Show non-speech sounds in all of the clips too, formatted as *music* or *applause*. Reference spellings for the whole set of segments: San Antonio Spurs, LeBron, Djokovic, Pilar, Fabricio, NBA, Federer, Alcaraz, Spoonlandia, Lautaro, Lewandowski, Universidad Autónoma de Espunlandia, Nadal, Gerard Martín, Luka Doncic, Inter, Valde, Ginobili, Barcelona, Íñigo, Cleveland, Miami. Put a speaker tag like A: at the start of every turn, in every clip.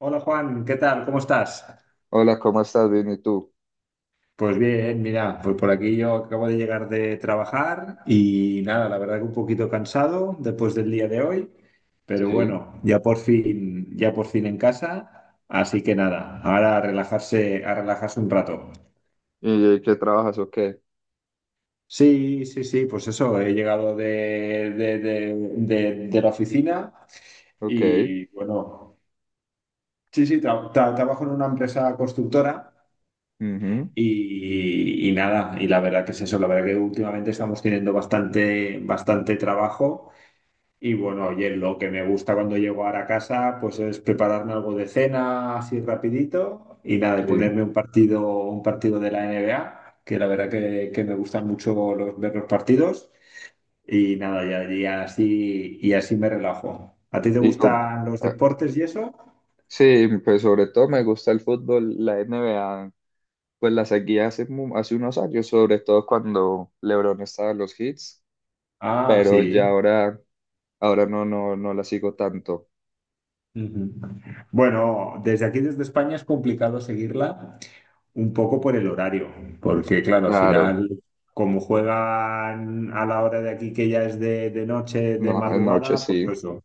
A: Hola Juan, ¿qué tal? ¿Cómo estás?
B: Hola, ¿cómo estás? Bien, ¿y tú?
A: Pues bien, mira, pues por aquí yo acabo de llegar de trabajar y nada, la verdad que un poquito cansado después del día de hoy, pero
B: Sí.
A: bueno, ya por fin en casa, así que nada, ahora a relajarse un rato.
B: ¿Y qué trabajas o qué?
A: Sí, sí, sí, pues eso, he llegado de la oficina
B: Ok.
A: y bueno, sí, sí, trabajo en una empresa constructora.
B: Ujú.
A: Y nada, y la verdad que es eso, la verdad que últimamente estamos teniendo bastante, bastante trabajo y bueno, oye, lo que me gusta cuando llego ahora a casa pues es prepararme algo de cena así rapidito y nada, y
B: Sí.
A: ponerme un partido de la NBA, que la verdad que me gustan mucho los, ver los partidos y nada, ya, y así me relajo. ¿A ti te
B: Y como,
A: gustan los
B: ah,
A: deportes y eso?
B: sí, pues sobre todo me gusta el fútbol, la NBA, pues la seguía hace unos años, sobre todo cuando LeBron estaba en los hits,
A: Ah,
B: pero
A: sí.
B: ahora no la sigo tanto.
A: Ujú. Bueno, desde aquí, desde España, es complicado seguirla un poco por el horario, porque claro, al
B: Claro,
A: final, como juegan a la hora de aquí que ya es de noche, de
B: no, anoche
A: madrugada, pues
B: sí.
A: eso.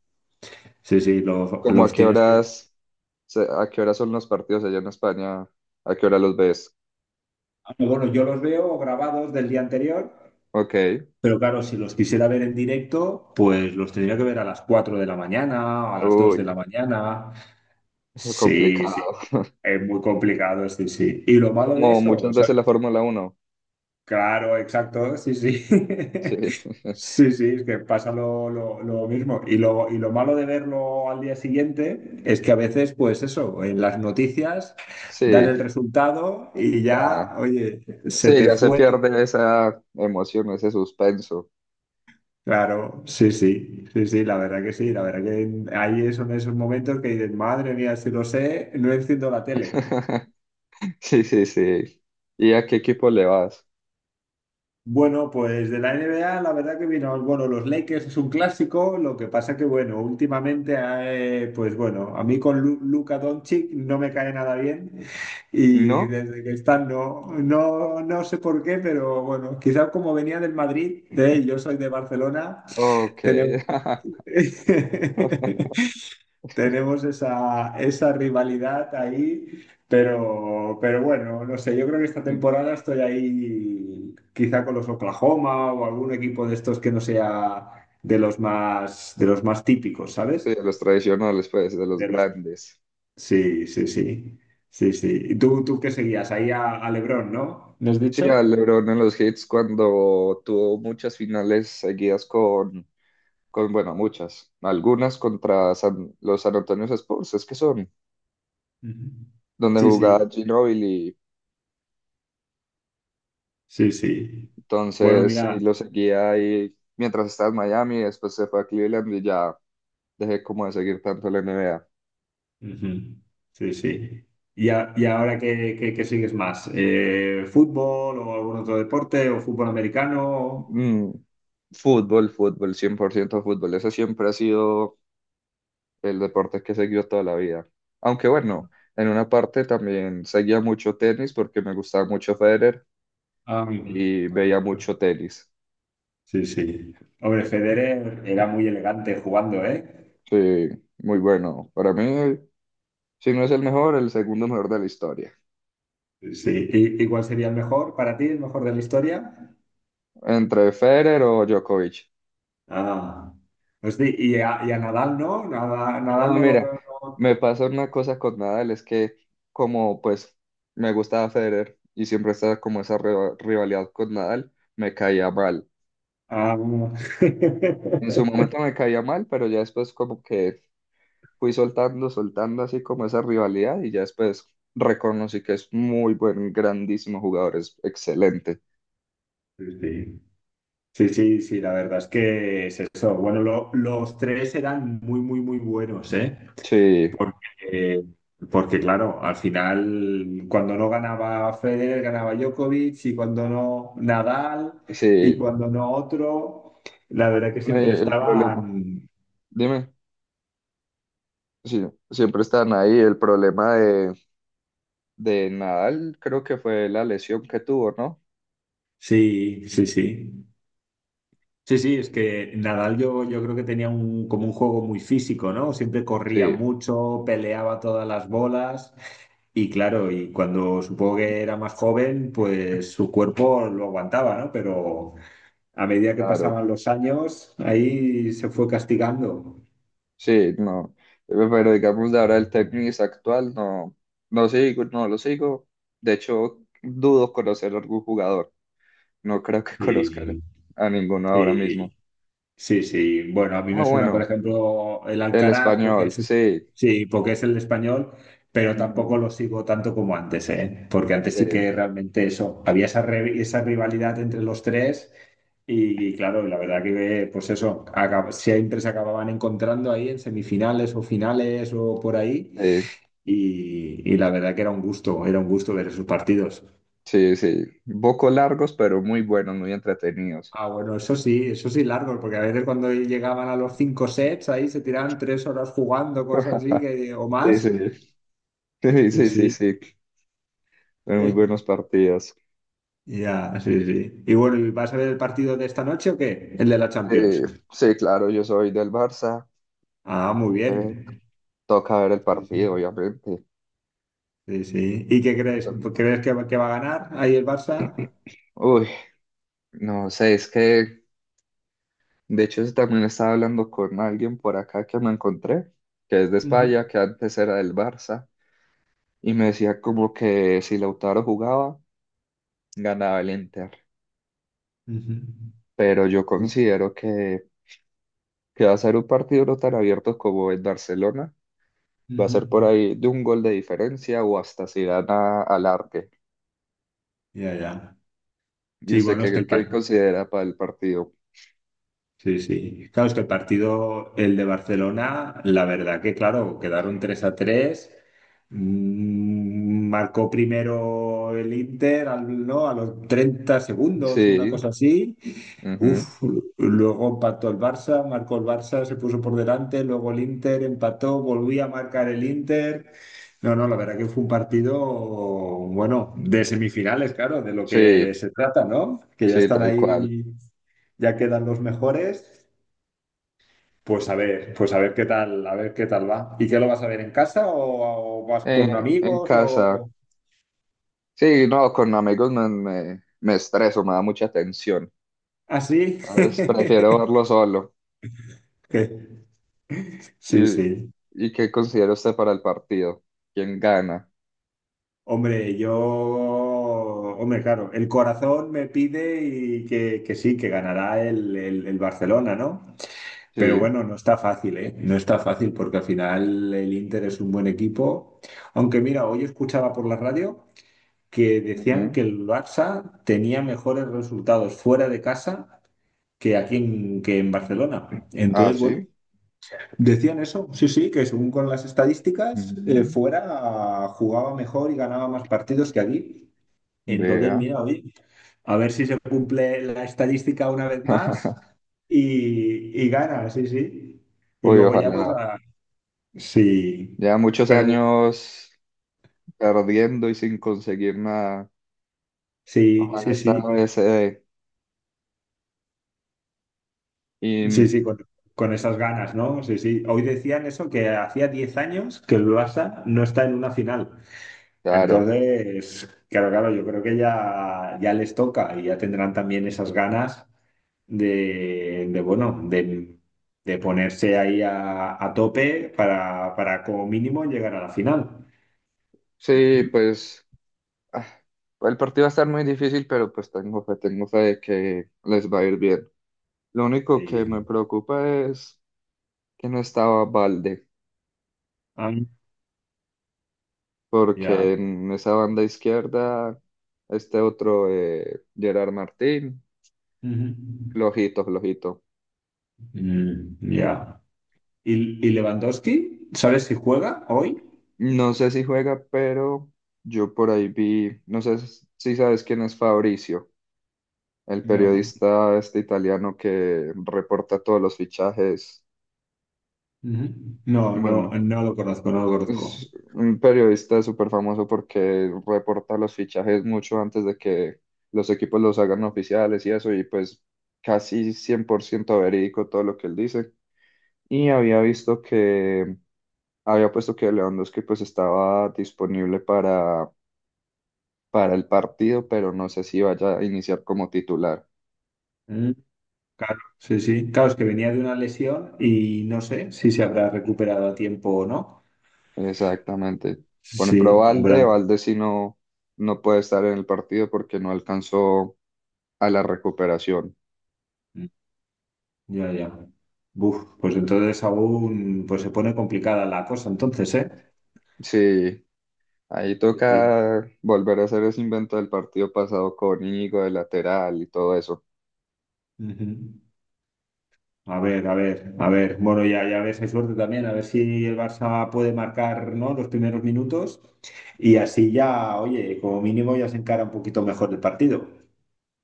A: Sí, sí,
B: ¿Cómo a
A: los
B: qué
A: tienes que...
B: a qué horas son los partidos allá en España? ¿A qué hora los ves?
A: Ah, bueno, yo los veo grabados del día anterior,
B: Ok.
A: pero claro, si los quisiera ver en directo, pues los tendría que ver a las 4 de la mañana, a las 2 de la
B: Uy,
A: mañana.
B: *laughs*
A: Sí, sí.
B: complicado.
A: Es muy complicado, sí, sí. Y lo malo de
B: Como
A: eso,
B: muchas veces la Fórmula uno.
A: claro, exacto, sí, sí.
B: Sí,
A: *laughs*
B: *laughs*
A: Sí, sí, es que pasa lo mismo. Y lo malo de verlo al día siguiente es que a veces, pues eso, en las noticias dan el
B: sí,
A: resultado y
B: ah,
A: ya, oye, se
B: sí,
A: te
B: ya se
A: fue todo.
B: pierde esa emoción, ese suspenso.
A: Claro, sí, sí, sí, sí, la verdad que sí, la verdad que ahí son esos momentos que dices, madre mía, si lo sé, no enciendo la tele.
B: *laughs* Sí, sí, sí. ¿Y a qué equipo le vas?
A: Bueno, pues de la NBA, la verdad que vino, bueno, los Lakers es un clásico, lo que pasa que, bueno, últimamente, pues bueno, a mí con Luka Doncic no me cae nada bien y
B: ¿No?
A: desde que están, no, no, no sé por qué, pero bueno, quizás como venía del Madrid, yo soy de Barcelona,
B: Ok.
A: tenemos...
B: *laughs*
A: *laughs* tenemos esa, esa rivalidad ahí, pero bueno, no sé, yo creo que esta
B: Sí,
A: temporada estoy ahí quizá con los Oklahoma o algún equipo de estos que no sea de los más típicos,
B: de
A: ¿sabes?
B: los tradicionales, pues, de los
A: De los...
B: grandes.
A: Sí, sí, sí, sí, sí. ¿Y tú qué seguías? Ahí a LeBron, ¿no? ¿Lo has
B: Sí,
A: dicho?
B: a LeBron en los hits cuando tuvo muchas finales seguidas con bueno, muchas, algunas contra los San Antonio Spurs, es que son,
A: Ujú.
B: donde
A: Sí,
B: jugaba
A: sí,
B: Ginobili.
A: sí, sí. Bueno,
B: Entonces, sí,
A: mira,
B: lo seguía ahí mientras estaba en Miami, después se fue a Cleveland y ya dejé como de seguir tanto la NBA.
A: ujú. Sí, sí. ¿Y, a- y ahora qué, qué sigues más? ¿Fútbol o algún otro deporte o fútbol americano?
B: Mm, Fútbol, fútbol, 100% fútbol. Ese siempre ha sido el deporte que he seguido toda la vida. Aunque bueno, en una parte también seguía mucho tenis porque me gustaba mucho Federer
A: Ah,
B: y veía
A: correcto.
B: mucho tenis.
A: Sí, sí. Hombre, Federer era muy elegante jugando, ¿eh?
B: Sí, muy bueno. Para mí, si no es el mejor, el segundo mejor de la historia.
A: Sí. Sí. Y cuál sería el mejor para ti, el mejor de la historia?
B: Entre Federer o Djokovic.
A: Ah. Hostia, y a Nadal, ¿no?
B: No,
A: Nadal no lo...
B: mira, me
A: no.
B: pasó una cosa con Nadal, es que como pues me gustaba Federer y siempre estaba como esa rivalidad con Nadal, me caía mal.
A: Ah,
B: En su
A: *laughs*
B: momento me caía mal, pero ya después como que fui soltando, soltando así como esa rivalidad y ya después reconocí que es muy buen, grandísimo jugador, es excelente.
A: sí, sí. Sí, sí, sí, la verdad es que es eso. Bueno, los tres eran muy, muy, muy buenos, ¿eh?
B: Sí,
A: Porque, porque, claro, al final, cuando no ganaba Federer, ganaba Djokovic, y cuando no Nadal, y
B: sí,
A: cuando no otro, la verdad que siempre
B: el problema,
A: estaban.
B: dime, sí, siempre están ahí, el problema de Nadal creo que fue la lesión que tuvo, ¿no?
A: Sí, sí, sí. Sí, sí, es que Nadal yo, yo creo que tenía un, como un juego muy físico, ¿no? Siempre corría
B: Sí,
A: mucho, peleaba todas las bolas y claro, y cuando supongo que era más joven, pues su cuerpo lo aguantaba, ¿no? Pero a medida que
B: claro.
A: pasaban los años, ahí se fue castigando.
B: Sí, no. Pero digamos de ahora el tenis actual, no, no sigo, no lo sigo. De hecho, dudo conocer a algún jugador. No creo que *laughs* conozca
A: Sí,
B: a ninguno ahora
A: sí.
B: mismo.
A: Sí, sí. Bueno, a mí
B: Ah,
A: me suena, por
B: bueno,
A: ejemplo, el
B: el
A: Alcaraz, porque
B: español,
A: es,
B: sí.
A: sí, porque es el español, pero
B: Ujú.
A: tampoco lo sigo tanto como antes, ¿eh? Porque antes
B: Sí,
A: sí que realmente eso, había esa, esa rivalidad entre los tres y, claro, la verdad que, pues eso, siempre se acababan encontrando ahí en semifinales o finales o por ahí y la verdad que era un gusto ver esos partidos.
B: sí, sí, sí. Un poco largos, pero muy buenos, muy entretenidos.
A: Ah, bueno, eso sí largo, porque a veces cuando llegaban a los 5 sets ahí se tiraban 3 horas jugando, cosas así
B: *laughs*
A: que, o
B: Sí,
A: más.
B: sí, sí,
A: Sí,
B: sí, sí,
A: sí.
B: sí. Muy buenos
A: *laughs*
B: partidos.
A: Ya, sí, sí. Y bueno, ¿y ¿vas a ver el partido de esta noche o qué? El de la Champions.
B: Eh, sí, claro, yo soy del Barça.
A: Ah, muy
B: Eh,
A: bien.
B: Toca ver el
A: Sí, sí.
B: partido, obviamente.
A: Sí, sí. ¿Y qué crees? ¿Crees que va a ganar ahí el Barça?
B: Uy, no sé, es que de hecho eso también estaba hablando con alguien por acá que me encontré, que es de
A: Ujú,
B: España, que antes era del Barça, y me decía como que si Lautaro jugaba, ganaba el Inter.
A: ujú,
B: Pero yo considero que va a ser un partido no tan abierto como en Barcelona. Va a
A: ujú.
B: ser por ahí de un gol de diferencia o hasta si gana al arte.
A: Ya, ya.
B: ¿Y
A: Sí,
B: usted
A: bueno, es que
B: qué,
A: el
B: qué
A: partido.
B: considera para el partido?
A: Sí, sí. Claro, es que el partido, el de Barcelona, la verdad que, claro, quedaron 3-3. Mm, marcó primero el Inter, al- ¿no? A los 30 segundos, una
B: Sí,
A: cosa así.
B: ujú,
A: Uf, luego empató el Barça, marcó el Barça, se puso por delante, luego el Inter empató, volvía a marcar el Inter. No, no, la verdad que fue un partido, bueno, de semifinales, claro, de lo que
B: sí,
A: se trata, ¿no? Que ya
B: sí,
A: están
B: tal cual.
A: ahí ya quedan los mejores. Pues a ver qué tal, a ver qué tal va. ¿Y qué lo vas a ver en casa o vas con
B: En
A: amigos
B: casa.
A: o
B: Sí, no, con amigos me estreso, me da mucha tensión.
A: así?
B: Entonces,
A: *laughs*
B: prefiero verlo solo.
A: Sí,
B: ¿Y,
A: sí.
B: y qué considera usted para el partido? ¿Quién gana?
A: Hombre, yo, hombre, claro, el corazón me pide y que sí, que ganará el, el Barcelona, ¿no? Pero
B: Sí.
A: bueno, no está fácil, ¿eh? No está fácil porque al final el Inter es un buen equipo. Aunque mira, hoy escuchaba por la radio. Que decían
B: Ujú.
A: que el Barça tenía mejores resultados fuera de casa que aquí en, que en Barcelona.
B: Ah,
A: Entonces, bueno,
B: sí.
A: decían eso, sí, sí, que según con las estadísticas,
B: Ujú.
A: fuera jugaba mejor y ganaba más partidos que aquí. Entonces,
B: Vea.
A: mira, oye, a ver si se cumple la estadística una vez más
B: *laughs*
A: y gana, sí, sí. Y
B: Uy,
A: luego ya, pues,
B: ojalá.
A: a- sí,
B: Ya muchos
A: pero
B: años perdiendo y sin conseguir nada.
A: sí,
B: Ojalá
A: sí,
B: esta
A: sí.
B: vez se dé.
A: Sí,
B: Y
A: sí, con esas ganas, ¿no? Sí, sí. Hoy decían eso, que hacía 10 años que el Barça no está en una final.
B: claro.
A: Entonces, claro, claro, yo creo que ya, ya les toca y ya tendrán también esas ganas de, bueno, de ponerse ahí a tope para como mínimo llegar a la final.
B: Sí, pues, ah, el partido va a estar muy difícil, pero pues tengo fe de que les va a ir bien. Lo único que
A: Sí.
B: me preocupa es que no estaba Valde,
A: Ah, ya.
B: porque en esa banda izquierda, este otro, Gerard Martín,
A: Ujú.
B: flojito, flojito.
A: Mm, ya. Y Lewandowski? ¿Sabes si juega hoy?
B: No sé si juega, pero yo por ahí vi, no sé si sabes quién es Fabricio, el
A: No.
B: periodista este italiano que reporta todos los fichajes.
A: Ujú. No, no,
B: Bueno,
A: no lo conozco, no lo conozco.
B: es un periodista súper famoso porque reporta los fichajes mucho antes de que los equipos los hagan oficiales y eso, y pues casi 100% verídico todo lo que él dice. Y había había puesto que Lewandowski pues estaba disponible para el partido, pero no sé si vaya a iniciar como titular.
A: Mm, claro, sí, sí. Claro, es que venía de una lesión y no sé si se habrá recuperado a tiempo o no.
B: Exactamente. Por ejemplo,
A: Sí, habrá.
B: Valde sí no, no puede estar en el partido porque no alcanzó a la recuperación.
A: Mm, ya, ya. Buf, pues entonces aún pues se pone complicada la cosa, entonces, ¿eh?
B: Sí, ahí
A: Sí, sí.
B: toca volver a hacer ese invento del partido pasado con Íñigo de lateral y todo eso.
A: Ujú. A ver, a ver, a ver. Bueno, ya, ya ves, hay suerte también, a ver si el Barça puede marcar, ¿no? Los primeros minutos y así ya, oye, como mínimo ya se encara un poquito mejor el partido.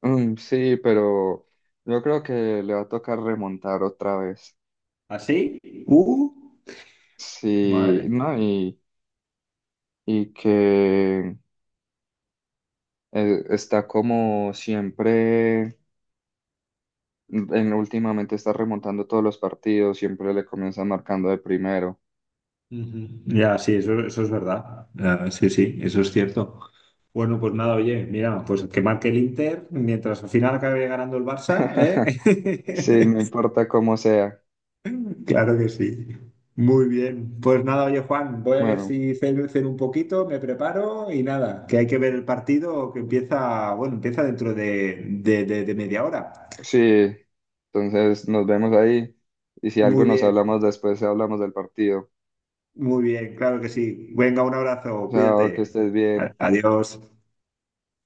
B: Mm, sí, pero yo creo que le va a tocar remontar otra vez.
A: ¿Así? Uh,
B: Sí,
A: madre.
B: no, y que está como siempre, en, últimamente está remontando todos los partidos, siempre le comienza marcando de primero.
A: Ujú. Ya, sí, eso es verdad. Ah, sí, sí, eso es cierto. Bueno, pues nada, oye, mira, pues que marque el Inter mientras al final acabe ganando el Barça,
B: *laughs* Sí,
A: ¿eh?
B: no importa cómo sea.
A: *laughs* Claro que sí. Muy bien. Pues nada, oye, Juan, voy a ver
B: Bueno.
A: si ceno, ceno un poquito, me preparo y nada, que hay que ver el partido que empieza, bueno, empieza dentro de, de media hora.
B: Sí, entonces nos vemos ahí y si algo
A: Muy
B: nos
A: bien,
B: hablamos después, hablamos del partido.
A: muy bien, claro que sí. Venga, un abrazo,
B: Chao, que
A: cuídate.
B: estés bien.
A: Adiós.